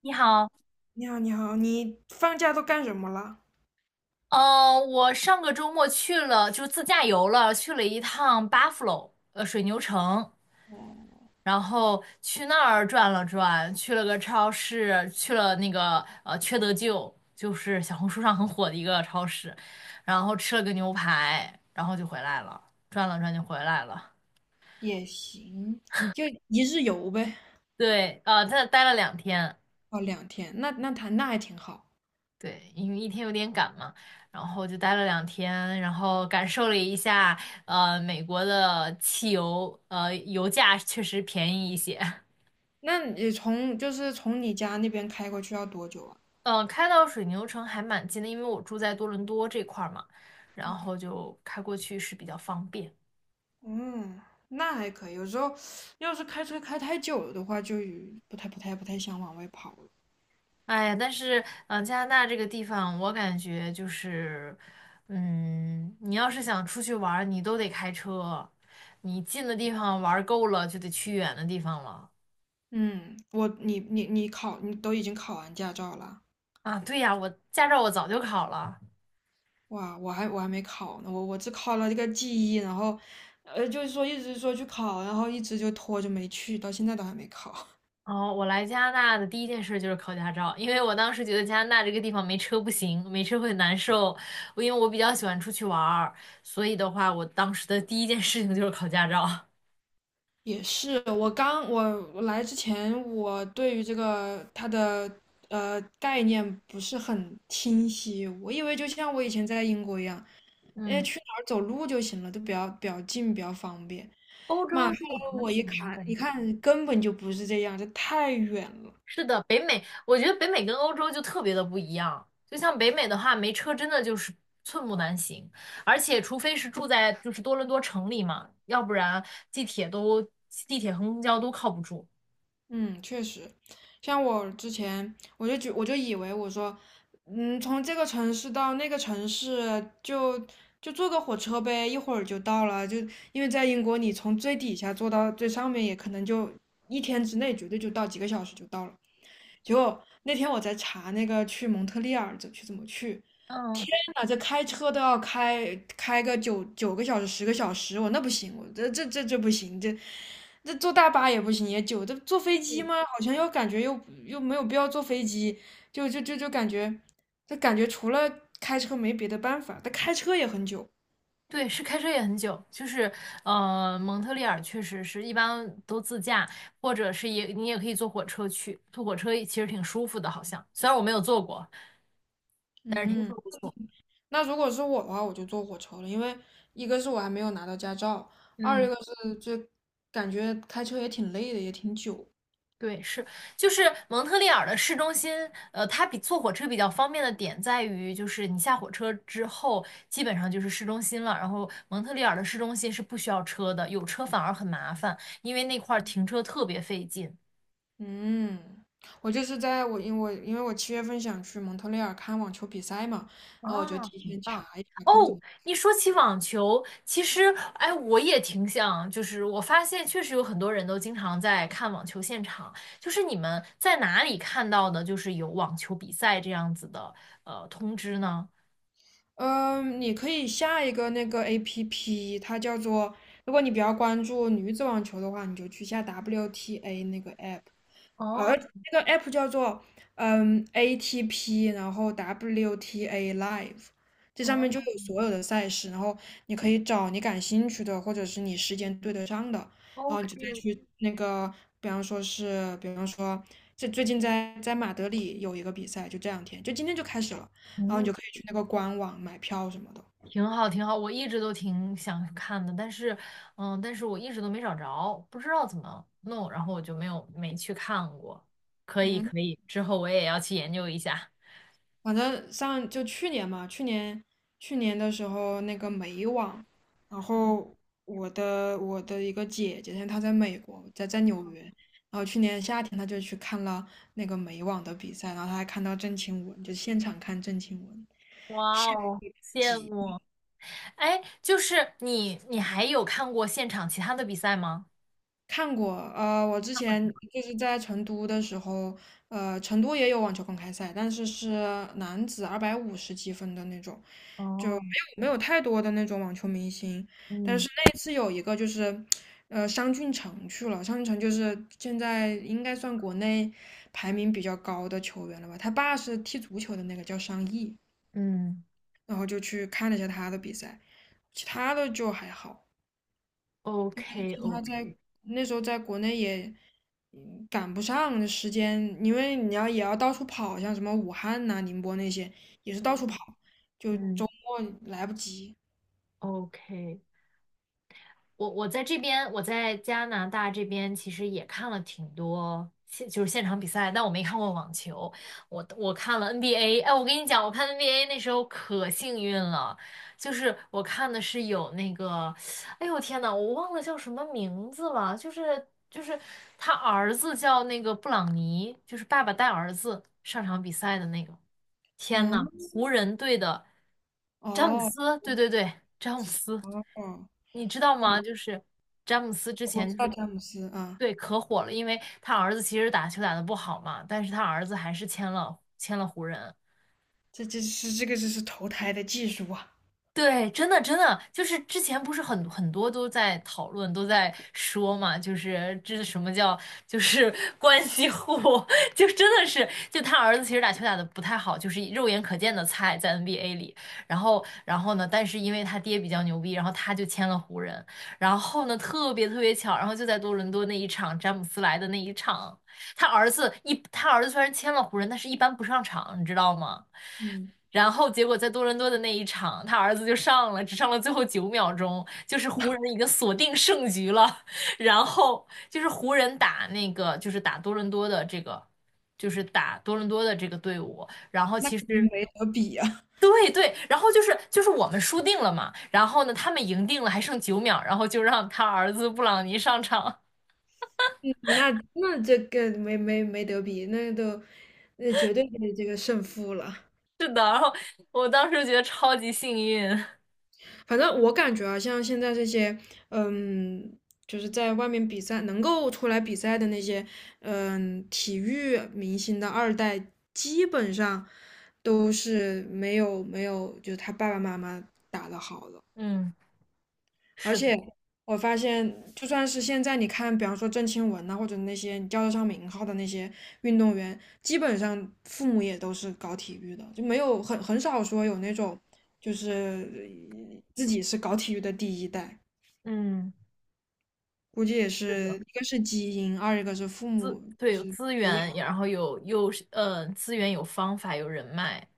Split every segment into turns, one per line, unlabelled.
你好。
你好，你好，你放假都干什么了？
我上个周末去了，就自驾游了，去了一趟 Buffalo，水牛城。
哦，
然后去那儿转了转，去了个超市，去了那个缺德舅，就是小红书上很火的一个超市，然后吃了个牛排，然后就回来了，转了转就回来了。
也行，就一日游呗。
对，在那待了两天。
哦，两天，那他那还挺好。
对，因为1天有点赶嘛，然后就待了两天，然后感受了一下。美国的汽油，油价确实便宜一些。
那你从就是从你家那边开过去要多久啊？
嗯、开到水牛城还蛮近的，因为我住在多伦多这块儿嘛，然
嗯，
后就开过去是比较方便。
嗯，那还可以。有时候要是开车开太久了的话，就不太想往外跑了。
哎呀，但是，加拿大这个地方，我感觉就是，你要是想出去玩儿，你都得开车，你近的地方玩儿够了，就得去远的地方了。
嗯，我你你你考你都已经考完驾照了。
啊，对呀，我驾照我早就考了。
哇，我还没考呢，我只考了这个记忆，然后，就是说一直说去考，然后一直就拖着没去，到现在都还没考。
哦，我来加拿大的第一件事就是考驾照，因为我当时觉得加拿大这个地方没车不行，没车会难受。因为我比较喜欢出去玩儿，所以的话，我当时的第一件事情就是考驾照。
也是，我来之前，我对于这个它的概念不是很清晰，我以为就像我以前在英国一样，哎，
嗯，
去哪儿走路就行了，都比较近，比较方便。
欧洲
妈，后来
就很
我一
少，我
看
感
一
觉。
看，根本就不是这样，这太远了。
是的，北美，我觉得北美跟欧洲就特别的不一样。就像北美的话，没车真的就是寸步难行，而且除非是住在就是多伦多城里嘛，要不然地铁都地铁和公交都靠不住。
嗯，确实，像我之前，我就以为我说，嗯，从这个城市到那个城市就坐个火车呗，一会儿就到了。就因为在英国，你从最底下坐到最上面，也可能就一天之内绝对就到，几个小时就到了。结果那天我在查那个去蒙特利尔怎么去，
嗯，
啊，这开车都要开个九个小时、10个小时，我那不行，我这不行，这坐大巴也不行，也久。这坐飞机
嗯，
吗？好像又感觉又没有必要坐飞机，就感觉，就感觉除了开车没别的办法。但开车也很久。
对，是开车也很久，就是蒙特利尔确实是一般都自驾，或者是你也可以坐火车去，坐火车其实挺舒服的，好像虽然我没有坐过，但是听说
嗯，
不错。
那如果是我的话，我就坐火车了，因为一个是我还没有拿到驾照，二一
嗯，
个是这感觉开车也挺累的，也挺久。
对，是，就是蒙特利尔的市中心，它比坐火车比较方便的点在于，就是你下火车之后，基本上就是市中心了。然后蒙特利尔的市中心是不需要车的，有车反而很麻烦，因为那块儿停车特别费劲。
嗯，我就是在我因为我因为我七月份想去蒙特利尔看网球比赛嘛，然
啊，
后我就提
很
前查
棒。
一查
哦，
看怎么。
你说起网球，其实，哎，我也挺想，就是我发现确实有很多人都经常在看网球现场。就是你们在哪里看到的，就是有网球比赛这样子的通知呢？
嗯，你可以下一个那个 APP，它叫做，如果你比较关注女子网球的话，你就去下 WTA 那个 app。而
哦
这个 app 叫做ATP，然后 WTA Live，这上面就
哦
有所有的赛事，然后你可以找你感兴趣的，或者是你时间对得上的，然后你就再
，OK，
去那个，比方说是，比方说这最近在马德里有一个比赛，就这两天，就今天就开始了，然后你
嗯，
就可以去那个官网买票什么的。
挺好，挺好，我一直都挺想看的。但是我一直都没找着，不知道怎么弄，然后我就没去看过。可以，
嗯。
可以，之后我也要去研究一下。
反正上就去年嘛，去年的时候那个美网，然后我的一个姐姐，她在美国，在纽约，然后去年夏天她就去看了那个美网的比赛，然后她还看到郑钦文，就现场看郑钦文，
哇
羡
哦，
慕至
羡
极
慕！哎，就是你还有看过现场其他的比赛吗？
看过，我之前就是在成都的时候，成都也有网球公开赛，但是是男子250积分的那种，
哦，
没有太多的那种网球明星，但
嗯
是那一次有一个就是，商俊成去了。商俊成就是现在应该算国内排名比较高的球员了吧？他爸是踢足球的那个叫商毅，
嗯
然后就去看了一下他的比赛，其他的就还好。
，OK
其他在
OK，
那时候在国内也赶不上时间，因为你要也要到处跑，像什么武汉呐、宁波那些也是到
嗯
处跑，就
嗯
周末来不及。
，OK。我在这边，我在加拿大这边其实也看了挺多现就是现场比赛，但我没看过网球，我看了 NBA。哎，我跟你讲，我看 NBA 那时候可幸运了，就是我看的是有那个哎呦天呐，我忘了叫什么名字了，就是他儿子叫那个布朗尼，就是爸爸带儿子上场比赛的那个。天呐，
嗯，
湖人队的詹姆
哦。
斯，对对对，詹姆斯，
哦，
你知道
哦，
吗？就是詹姆斯之
我
前
知
就
道
是，
詹姆斯啊，
对，可火了，因为他儿子其实打球打得不好嘛，但是他儿子还是签了湖人。
这是这个就是投胎的技术啊，
对，真的真的，就是之前不是很多都在讨论，都在说嘛，就是这是什么叫 关系户，就真的是，就他儿子其实打球打的不太好，就是肉眼可见的菜在 NBA 里，然后呢，但是因为他爹比较牛逼，然后他就签了湖人，然后呢特别特别巧，然后就在多伦多那一场詹姆斯来的那一场，他儿子虽然签了湖人，但是一般不上场，你知道吗？
嗯，
然后结果在多伦多的那一场，他儿子就上了，只上了最后9秒钟，就是湖人已经锁定胜局了。然后就是湖人打那个，就是打多伦多的这个，就是打多伦多的这个队伍。然后
那
其实
肯定没得比啊，
对对，然后就是我们输定了嘛，然后呢他们赢定了，还剩九秒，然后就让他儿子布朗尼上场。
嗯，那这个没得比，那绝对的这个胜负了。
是的，然后我当时觉得超级幸运。
反正我感觉啊，像现在这些，嗯，就是在外面比赛能够出来比赛的那些，嗯，体育明星的二代，基本上都是没有，就是他爸爸妈妈打的好的。
嗯，
而
是的，
且我发现，就算是现在你看，比方说郑钦文呐、或者那些你叫得上名号的那些运动员，基本上父母也都是搞体育的，就没有很少说有那种就是自己是搞体育的第一代，
嗯，
估计也
是
是
的，
一个是基因，二一个是父母
对，
就
有
是
资
培
源，
养。
然后又是资源，有方法，有人脉，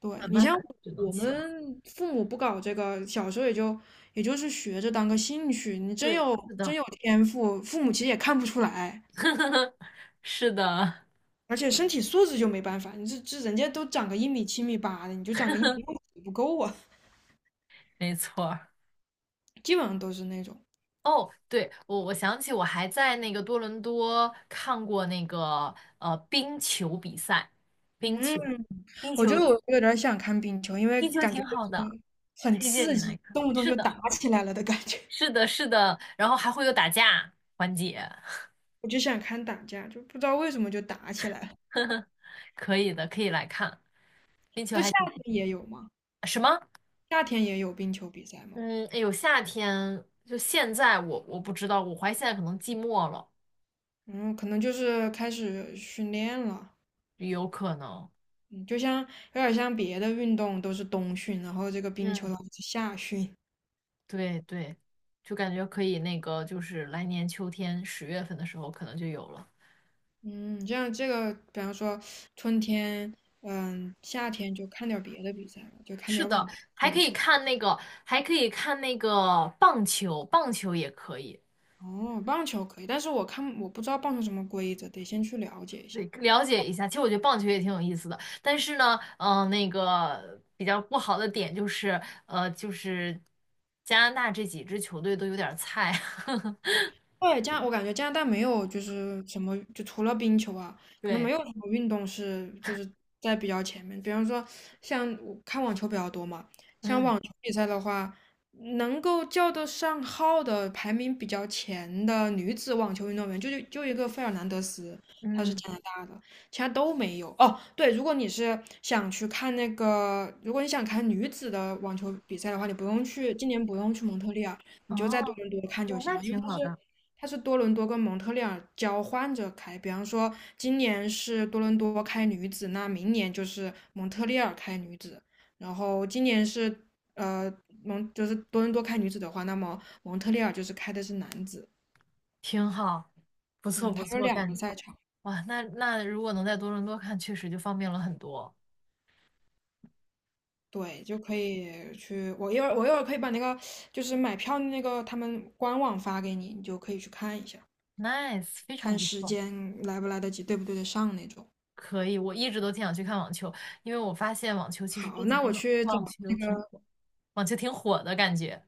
对
慢
你
慢
像
的就能
我
起来。
们父母不搞这个，小时候也就是学着当个兴趣，你真
对，
有
是
真
的，
有天赋，父母其实也看不出来。
是的，
而且身体素质就没办法，你这人家都长个一米七米八的，你就长个一米六不够啊，
没错儿。
基本上都是那种。
哦，对，我想起我还在那个多伦多看过那个冰球比赛，冰
嗯，
球，冰
我觉
球，
得我有点想看冰球，因为
冰球
感觉
挺
就
好的，
是很
推荐
刺
你来
激，
看。
动不动
是
就
的，
打起来了的感觉。
是的，是的，然后还会有打架环节，
我就想看打架，就不知道为什么就打起来了。
可以的，可以来看，冰球
这夏
还挺不
天
错。
也有吗？
什么？
夏天也有冰球比赛吗？
嗯，哎有夏天就现在我不知道，我怀疑现在可能季末了，
嗯，可能就是开始训练了。
有可能。
嗯，就像有点像别的运动都是冬训，然后这个冰球
嗯，
它是夏训。
对对，就感觉可以那个，就是来年秋天10月份的时候可能就有了。
嗯，这样这个，比方说春天，嗯，夏天就看点儿别的比赛了，就看
是
点儿
的，
网
还可
网
以
球。
看那个，还可以看那个棒球，棒球也可以，
哦，棒球可以，但是我看我不知道棒球什么规则，得先去了解一下。
对，了解一下。其实我觉得棒球也挺有意思的，但是呢，那个比较不好的点就是，呃，就是加拿大这几支球队都有点儿菜，
对，我感觉加拿大没有就是什么，就除了冰球啊，可能没
对。
有什么运动是就是在比较前面。比方说像我看网球比较多嘛，像
嗯
网球比赛的话，能够叫得上号的排名比较前的女子网球运动员，就一个费尔南德斯，她是
嗯，
加拿大的，其他都没有。哦，对，如果你是想去看那个，如果你想看女子的网球比赛的话，你不用去，今年不用去蒙特利尔。你就在多
哦，
伦多看就
哇，
行
那
了，因为
挺
它
好
是
的，
它是多伦多跟蒙特利尔交换着开，比方说今年是多伦多开女子，那明年就是蒙特利尔开女子，然后今年是呃就是多伦多开女子的话，那么蒙特利尔就是开的是男子，
挺好，不错
嗯，
不
它有
错，
两个赛场，
哇，那如果能在多伦多看，确实就方便了很多
对，就可以去我一会儿我一会儿可以把那个就是买票那个他们官网发给你，你就可以去看一下，
，nice，非常
看
不
时
错，
间来不来得及，对不对得上那种。
可以，我一直都挺想去看网球，因为我发现网球其实这
好，
几
那我
年网
去找。
网球挺火，网球挺火的感觉。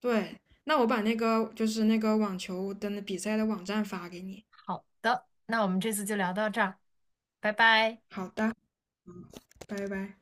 对，那我把那个就是那个网球的那比赛的网站发给你。
好的，那我们这次就聊到这儿，拜拜。
好的，嗯拜拜。